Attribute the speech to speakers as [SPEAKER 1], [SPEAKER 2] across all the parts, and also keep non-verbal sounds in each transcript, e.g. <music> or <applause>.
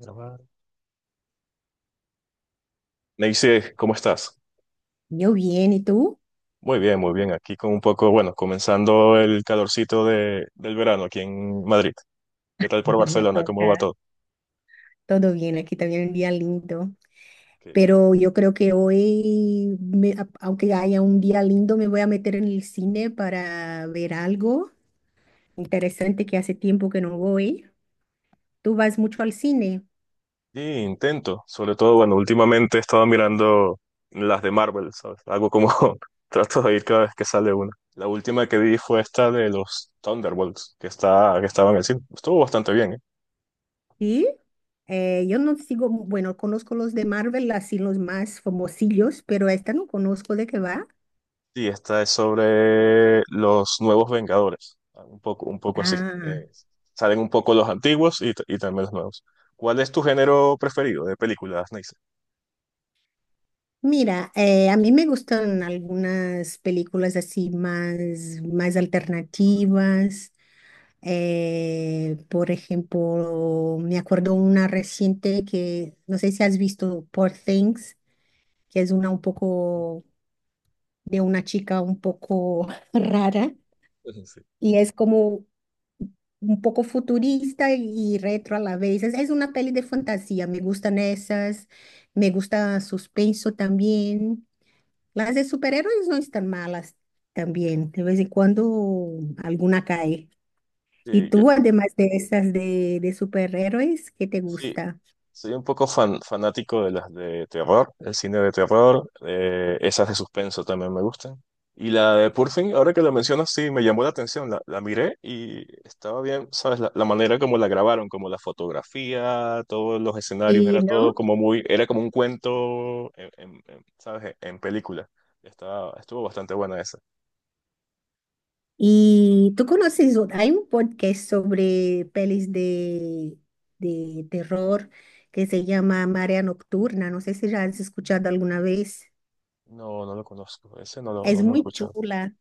[SPEAKER 1] Grabar. Neisy, ¿cómo estás?
[SPEAKER 2] Yo bien, ¿y tú?
[SPEAKER 1] Muy bien, muy bien. Aquí con un poco, bueno, comenzando el calorcito del verano aquí en Madrid. ¿Qué tal
[SPEAKER 2] <laughs>
[SPEAKER 1] por
[SPEAKER 2] La
[SPEAKER 1] Barcelona? ¿Cómo va
[SPEAKER 2] toca.
[SPEAKER 1] todo?
[SPEAKER 2] Todo bien, aquí también un día lindo.
[SPEAKER 1] Que-
[SPEAKER 2] Pero yo creo que hoy, aunque haya un día lindo, me voy a meter en el cine para ver algo interesante que hace tiempo que no voy. Tú vas mucho al cine,
[SPEAKER 1] Y intento, sobre todo, bueno, últimamente he estado mirando las de Marvel, ¿sabes? Algo como <laughs> trato de ir cada vez que sale una. La última que vi fue esta de los Thunderbolts, que estaba en el cine. Estuvo bastante bien.
[SPEAKER 2] ¿sí? Yo no sigo, bueno, conozco los de Marvel, así los más famosillos, pero esta no conozco de qué va.
[SPEAKER 1] Sí, esta es sobre los nuevos Vengadores, ah, un poco así.
[SPEAKER 2] Ah.
[SPEAKER 1] Salen un poco los antiguos y también los nuevos. ¿Cuál es tu género preferido de películas, Neisa?
[SPEAKER 2] Mira, a mí me gustan algunas películas así más, más alternativas. Por ejemplo, me acuerdo una reciente que no sé si has visto Poor Things, que es una un poco de una chica un poco <laughs> rara
[SPEAKER 1] <laughs> Sí.
[SPEAKER 2] y es como un poco futurista y retro a la vez. Es una peli de fantasía, me gustan esas, me gusta suspenso también. Las de superhéroes no están malas también. De vez en cuando alguna cae. ¿Y
[SPEAKER 1] Sí,
[SPEAKER 2] tú, además de esas de superhéroes, qué te
[SPEAKER 1] sí.
[SPEAKER 2] gusta?
[SPEAKER 1] Soy un poco fanático de las de terror, el cine de terror, esas de suspenso también me gustan. Y la de Purfing, ahora que lo mencionas, sí, me llamó la atención, la miré y estaba bien, ¿sabes? La manera como la grabaron, como la fotografía, todos los escenarios,
[SPEAKER 2] Sí,
[SPEAKER 1] era todo
[SPEAKER 2] ¿no?
[SPEAKER 1] como muy, era como un cuento, en, ¿sabes? En película. Estaba, estuvo bastante buena esa.
[SPEAKER 2] Y tú conoces, hay un podcast sobre pelis de terror que se llama Marea Nocturna. No sé si ya has escuchado alguna vez.
[SPEAKER 1] No, no lo conozco, ese no lo,
[SPEAKER 2] Es
[SPEAKER 1] no lo he
[SPEAKER 2] muy
[SPEAKER 1] escuchado.
[SPEAKER 2] chula.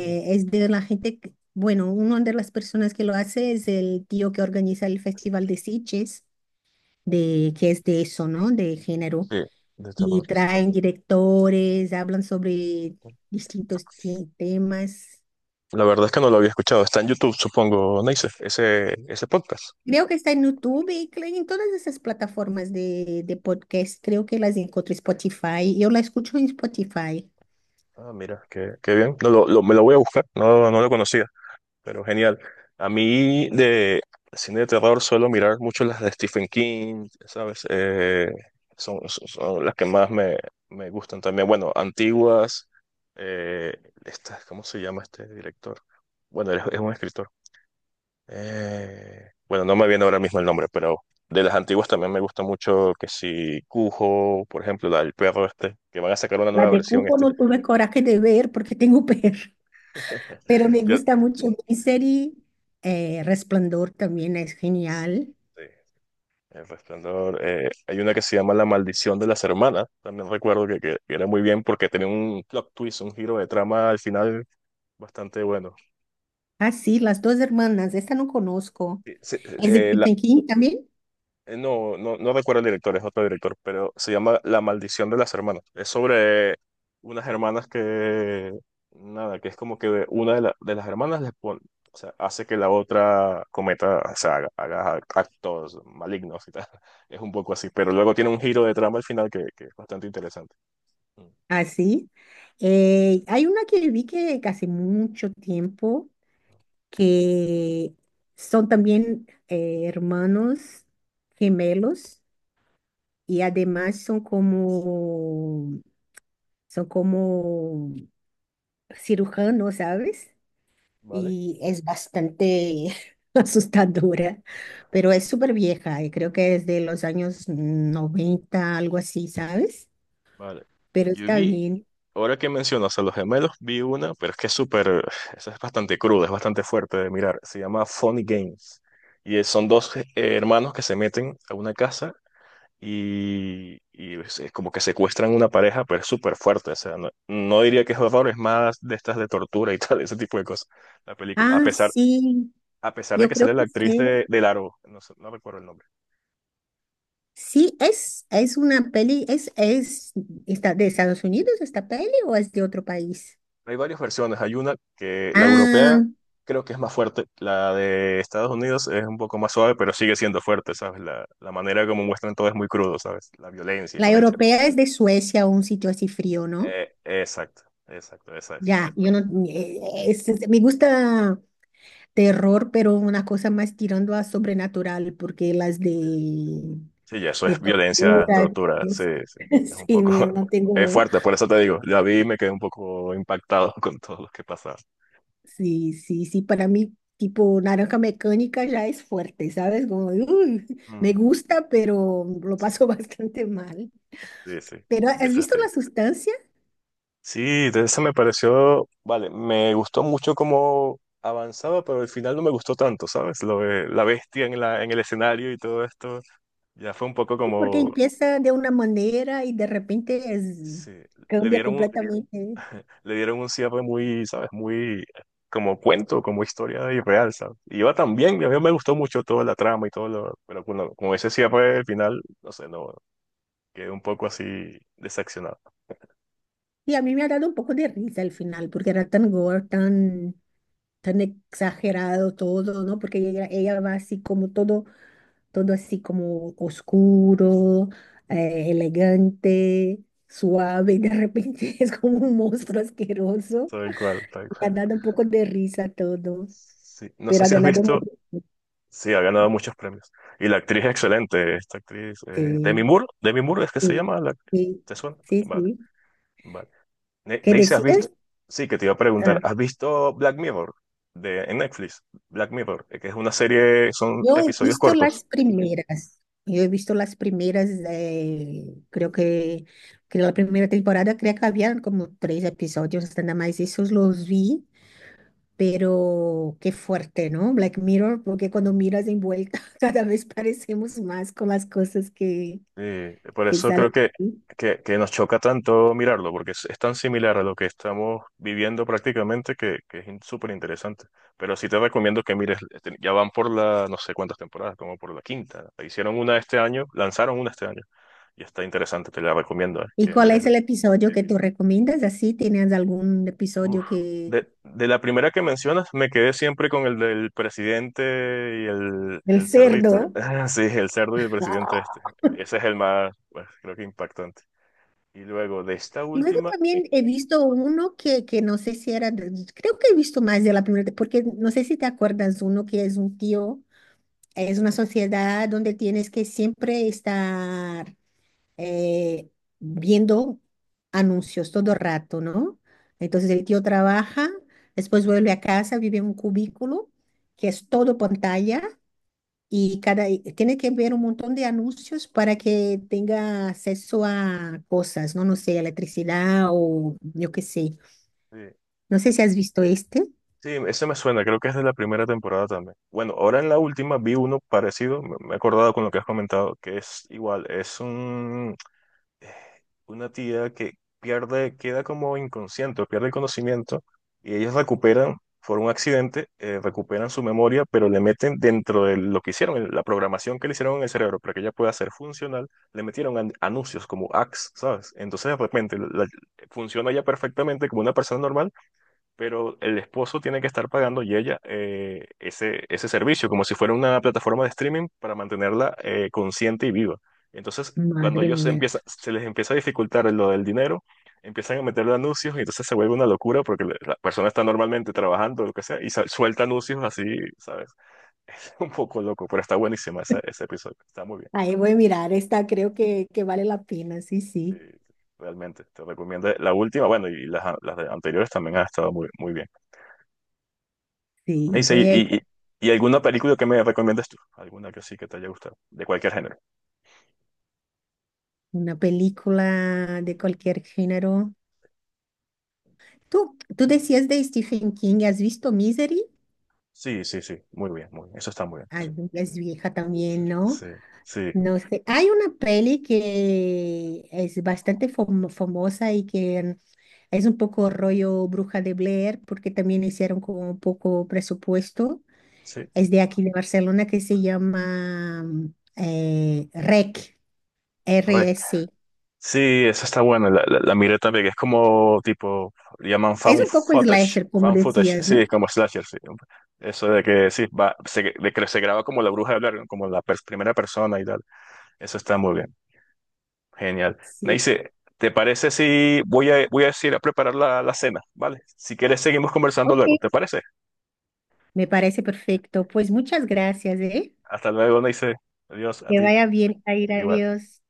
[SPEAKER 1] No.
[SPEAKER 2] Es de la gente, bueno, una de las personas que lo hace es el tío que organiza el Festival de Sitges. De que es de eso, ¿no? De género.
[SPEAKER 1] Sí, de
[SPEAKER 2] Y
[SPEAKER 1] terror. Sí.
[SPEAKER 2] traen directores, hablan sobre temas.
[SPEAKER 1] La verdad es que no lo había escuchado. Está en YouTube, supongo, Neisef, ese podcast.
[SPEAKER 2] Creo que está en YouTube y en todas esas plataformas de podcast. Creo que las encuentro en Spotify. Yo la escucho en Spotify.
[SPEAKER 1] Ah, mira, qué, qué bien. No, me lo voy a buscar. No, no lo conocía, pero genial. A mí de cine de terror suelo mirar mucho las de Stephen King, ¿sabes? Son, son las que más me, me gustan también. Bueno, antiguas. Eh, ¿Cómo se llama este director? Bueno, es un escritor. Bueno, no me viene ahora mismo el nombre, pero de las antiguas también me gusta mucho que si Cujo, por ejemplo, la del perro este, que van a sacar una
[SPEAKER 2] La
[SPEAKER 1] nueva
[SPEAKER 2] de
[SPEAKER 1] versión
[SPEAKER 2] Cuco
[SPEAKER 1] este.
[SPEAKER 2] no tuve coraje de ver porque tengo perro, <laughs> pero me
[SPEAKER 1] <laughs> Yo,
[SPEAKER 2] gusta mucho mi serie. Resplandor también es
[SPEAKER 1] sí.
[SPEAKER 2] genial.
[SPEAKER 1] El Resplandor. Hay una que se llama La Maldición de las Hermanas. También recuerdo que era muy bien porque tenía un plot twist, un giro de trama al final bastante bueno.
[SPEAKER 2] Ah, sí, las dos hermanas. Esta no conozco.
[SPEAKER 1] Sí, sí,
[SPEAKER 2] ¿Es de
[SPEAKER 1] eh,
[SPEAKER 2] Stephen King también?
[SPEAKER 1] No, no, no recuerdo el director, es otro director, pero se llama La Maldición de las Hermanas. Es sobre unas hermanas que, nada, que es como que una de las hermanas les pone, o sea, hace que la otra cometa, o sea, haga actos malignos y tal. <laughs> Es un poco así, pero luego tiene un giro de trama al final que es bastante interesante. Mm.
[SPEAKER 2] Así. Hay una que vi que hace mucho tiempo que son también hermanos gemelos y además son como cirujanos, ¿sabes?
[SPEAKER 1] ¿Vale?
[SPEAKER 2] Y es bastante <laughs> asustadora, pero es súper vieja y creo que es de los años 90 algo así, ¿sabes?
[SPEAKER 1] Vale.
[SPEAKER 2] Pero
[SPEAKER 1] Yo
[SPEAKER 2] está
[SPEAKER 1] vi
[SPEAKER 2] bien.
[SPEAKER 1] Ahora que mencionas a los gemelos, vi una, pero es que es súper, esa es bastante cruda, es bastante fuerte de mirar. Se llama Funny Games. Son dos hermanos que se meten a una casa y es como que secuestran una pareja, pero es súper fuerte. O sea, no, no diría que es horror, es más de estas de tortura y tal, <laughs> ese tipo de cosas, la película.
[SPEAKER 2] Ah, sí,
[SPEAKER 1] A pesar de
[SPEAKER 2] yo
[SPEAKER 1] que
[SPEAKER 2] creo
[SPEAKER 1] sale la
[SPEAKER 2] que
[SPEAKER 1] actriz
[SPEAKER 2] sí.
[SPEAKER 1] de Largo, no sé, no recuerdo el nombre.
[SPEAKER 2] Sí, es una peli, es, ¿está de Estados Unidos esta peli o es de otro país?
[SPEAKER 1] Hay varias versiones. Hay una que la europea
[SPEAKER 2] Ah,
[SPEAKER 1] creo que es más fuerte. La de Estados Unidos es un poco más suave, pero sigue siendo fuerte, ¿sabes? La manera como muestran todo es muy crudo, ¿sabes? La violencia y
[SPEAKER 2] la
[SPEAKER 1] todo el tema.
[SPEAKER 2] europea es de Suecia o un sitio así frío, ¿no?
[SPEAKER 1] Exacto, exacto, esa es.
[SPEAKER 2] Ya, yo no, eh, me gusta terror, pero una cosa más tirando a sobrenatural, porque las
[SPEAKER 1] Sí, ya eso
[SPEAKER 2] de
[SPEAKER 1] es violencia,
[SPEAKER 2] tortura,
[SPEAKER 1] tortura. Sí,
[SPEAKER 2] pues,
[SPEAKER 1] sí. Es
[SPEAKER 2] <laughs>
[SPEAKER 1] un
[SPEAKER 2] sí,
[SPEAKER 1] poco.
[SPEAKER 2] mira,
[SPEAKER 1] <laughs>
[SPEAKER 2] no
[SPEAKER 1] Es
[SPEAKER 2] tengo,
[SPEAKER 1] fuerte, por eso te digo. La vi y me quedé un poco impactado <laughs> con todo lo que pasaba.
[SPEAKER 2] sí, sí, sí, para mí tipo naranja mecánica ya es fuerte, ¿sabes? Como, "Uy, me
[SPEAKER 1] Mm,
[SPEAKER 2] gusta, pero lo
[SPEAKER 1] sí,
[SPEAKER 2] paso <laughs> bastante mal".
[SPEAKER 1] sí, sí,
[SPEAKER 2] Pero
[SPEAKER 1] de
[SPEAKER 2] ¿has
[SPEAKER 1] ese
[SPEAKER 2] visto
[SPEAKER 1] estilo.
[SPEAKER 2] la sustancia?
[SPEAKER 1] Sí, de esa me pareció, vale, me gustó mucho cómo avanzaba, pero al final no me gustó tanto, ¿sabes? Lo de la bestia en el escenario y todo esto, ya fue un poco
[SPEAKER 2] Porque
[SPEAKER 1] como,
[SPEAKER 2] empieza de una manera y de repente es,
[SPEAKER 1] sí, le
[SPEAKER 2] cambia
[SPEAKER 1] dieron un,
[SPEAKER 2] completamente.
[SPEAKER 1] le dieron un cierre muy, ¿sabes? Muy como cuento, como historia irreal, ¿sabes? Y iba tan bien, a mí me gustó mucho toda la trama y todo lo, pero con ese cierre al final, no sé, no, quedé un poco así decepcionado.
[SPEAKER 2] Y a mí me ha dado un poco de risa al final, porque era tan gore, tan, tan exagerado todo, ¿no? Porque ella,
[SPEAKER 1] Sí.
[SPEAKER 2] ella va así como todo todo así como oscuro, elegante, suave, <laughs> y de repente <laughs> es como un monstruo asqueroso.
[SPEAKER 1] Tal cual, tal
[SPEAKER 2] Me ha
[SPEAKER 1] cual.
[SPEAKER 2] dado un poco de risa todo,
[SPEAKER 1] Sí, no sé
[SPEAKER 2] pero ha
[SPEAKER 1] si has
[SPEAKER 2] ganado
[SPEAKER 1] visto...
[SPEAKER 2] mucho.
[SPEAKER 1] Sí, ha ganado muchos premios. Y la actriz es excelente, esta actriz. Demi
[SPEAKER 2] Sí,
[SPEAKER 1] Moore, Demi Moore es que se
[SPEAKER 2] sí,
[SPEAKER 1] llama la actriz.
[SPEAKER 2] sí,
[SPEAKER 1] ¿Te suena?
[SPEAKER 2] sí,
[SPEAKER 1] Vale,
[SPEAKER 2] sí.
[SPEAKER 1] vale.
[SPEAKER 2] ¿Qué
[SPEAKER 1] Neise, ¿has visto?
[SPEAKER 2] decías?
[SPEAKER 1] Sí, que te iba a preguntar,
[SPEAKER 2] Ah,
[SPEAKER 1] ¿has visto Black Mirror de, en Netflix? Black Mirror, que es una serie, son
[SPEAKER 2] yo he
[SPEAKER 1] episodios
[SPEAKER 2] visto las
[SPEAKER 1] cortos.
[SPEAKER 2] primeras. Yo he visto las primeras, creo que la primera temporada, creo que habían como tres episodios, nada más esos los vi. Pero qué fuerte, ¿no? Black Mirror, porque cuando miras de envuelta, <laughs> cada vez parecemos más con las cosas
[SPEAKER 1] Sí, por
[SPEAKER 2] que
[SPEAKER 1] eso creo
[SPEAKER 2] salen aquí.
[SPEAKER 1] que nos choca tanto mirarlo, porque es tan similar a lo que estamos viviendo prácticamente que es súper interesante. Pero sí te recomiendo que mires, este, ya van por la, no sé cuántas temporadas, como por la quinta. Hicieron una este año, lanzaron una este año, y está interesante, te la recomiendo,
[SPEAKER 2] ¿Y
[SPEAKER 1] que
[SPEAKER 2] cuál es
[SPEAKER 1] miresla.
[SPEAKER 2] el episodio que tú recomiendas? Así, ¿tienes algún
[SPEAKER 1] Uf.
[SPEAKER 2] episodio que...
[SPEAKER 1] De la primera que mencionas, me quedé siempre con el del presidente y
[SPEAKER 2] El
[SPEAKER 1] el cerdito.
[SPEAKER 2] cerdo.
[SPEAKER 1] <laughs> Sí, el cerdo y el presidente
[SPEAKER 2] Ah.
[SPEAKER 1] este. Ese es el más, pues, creo que impactante. Y luego de esta
[SPEAKER 2] Luego
[SPEAKER 1] última,
[SPEAKER 2] también he visto uno que no sé si era, creo que he visto más de la primera, porque no sé si te acuerdas, uno que es un tío, es una sociedad donde tienes que siempre estar eh, viendo anuncios todo rato, ¿no? Entonces el tío trabaja, después vuelve a casa, vive en un cubículo que es todo pantalla y cada y tiene que ver un montón de anuncios para que tenga acceso a cosas, ¿no? No sé, electricidad o yo qué sé.
[SPEAKER 1] sí.
[SPEAKER 2] No sé si has visto este.
[SPEAKER 1] Sí, ese me suena, creo que es de la primera temporada también. Bueno, ahora en la última vi uno parecido, me he acordado con lo que has comentado, que es igual, es un, eh, una tía que pierde, queda como inconsciente, pierde el conocimiento y ellos recuperan, por un accidente, recuperan su memoria, pero le meten dentro de lo que hicieron, la programación que le hicieron en el cerebro para que ella pueda ser funcional, le metieron anuncios como ads, ¿sabes? Entonces de repente funciona ya perfectamente como una persona normal, pero el esposo tiene que estar pagando y ella ese, ese servicio, como si fuera una plataforma de streaming para mantenerla consciente y viva. Entonces, cuando
[SPEAKER 2] Madre mía.
[SPEAKER 1] empieza, se les empieza a dificultar lo del dinero, empiezan a meterle anuncios y entonces se vuelve una locura porque la persona está normalmente trabajando, o lo que sea, y suelta anuncios así, ¿sabes? <laughs> Es un poco loco, pero está buenísima ese, ese episodio, está muy bien.
[SPEAKER 2] Ahí voy a mirar esta, creo que vale la pena, sí,
[SPEAKER 1] Sí,
[SPEAKER 2] sí.
[SPEAKER 1] realmente, te recomiendo la última, bueno, y las anteriores también han estado muy, muy bien. Me
[SPEAKER 2] Sí,
[SPEAKER 1] dice,
[SPEAKER 2] voy a ir a
[SPEAKER 1] y ¿alguna película que me recomiendas tú? ¿Alguna que sí que te haya gustado? De cualquier género.
[SPEAKER 2] una película de cualquier género. Tú decías de Stephen King, ¿has visto Misery?
[SPEAKER 1] Sí, sí, sí. Muy bien, muy bien. Eso está muy bien.
[SPEAKER 2] Ah,
[SPEAKER 1] Sí,
[SPEAKER 2] es vieja
[SPEAKER 1] sí,
[SPEAKER 2] también, ¿no?
[SPEAKER 1] sí, sí.
[SPEAKER 2] No sé. Hay una peli que es bastante famosa y que es un poco rollo Bruja de Blair, porque también hicieron como un poco presupuesto.
[SPEAKER 1] Sí.
[SPEAKER 2] Es de aquí de Barcelona que se llama REC.
[SPEAKER 1] Correcto.
[SPEAKER 2] RSC.
[SPEAKER 1] Sí, esa está buena. La miré también, que es como tipo, le llaman
[SPEAKER 2] Es
[SPEAKER 1] found
[SPEAKER 2] un poco
[SPEAKER 1] footage.
[SPEAKER 2] slasher, como
[SPEAKER 1] Found footage.
[SPEAKER 2] decías, ¿no?
[SPEAKER 1] Sí, como slasher, sí. Eso de que sí, va, de que se graba como la bruja de hablar, como la primera persona y tal. Eso está muy bien. Genial.
[SPEAKER 2] Sí.
[SPEAKER 1] Neice, ¿te parece si voy a ir a preparar la, la cena, ¿vale? Si quieres, seguimos conversando
[SPEAKER 2] Ok,
[SPEAKER 1] luego, ¿te parece?
[SPEAKER 2] me parece perfecto. Pues muchas gracias, ¿eh?
[SPEAKER 1] Hasta luego, Neice. Adiós a
[SPEAKER 2] Que
[SPEAKER 1] ti.
[SPEAKER 2] vaya bien, Jair.
[SPEAKER 1] Igual.
[SPEAKER 2] Adiós.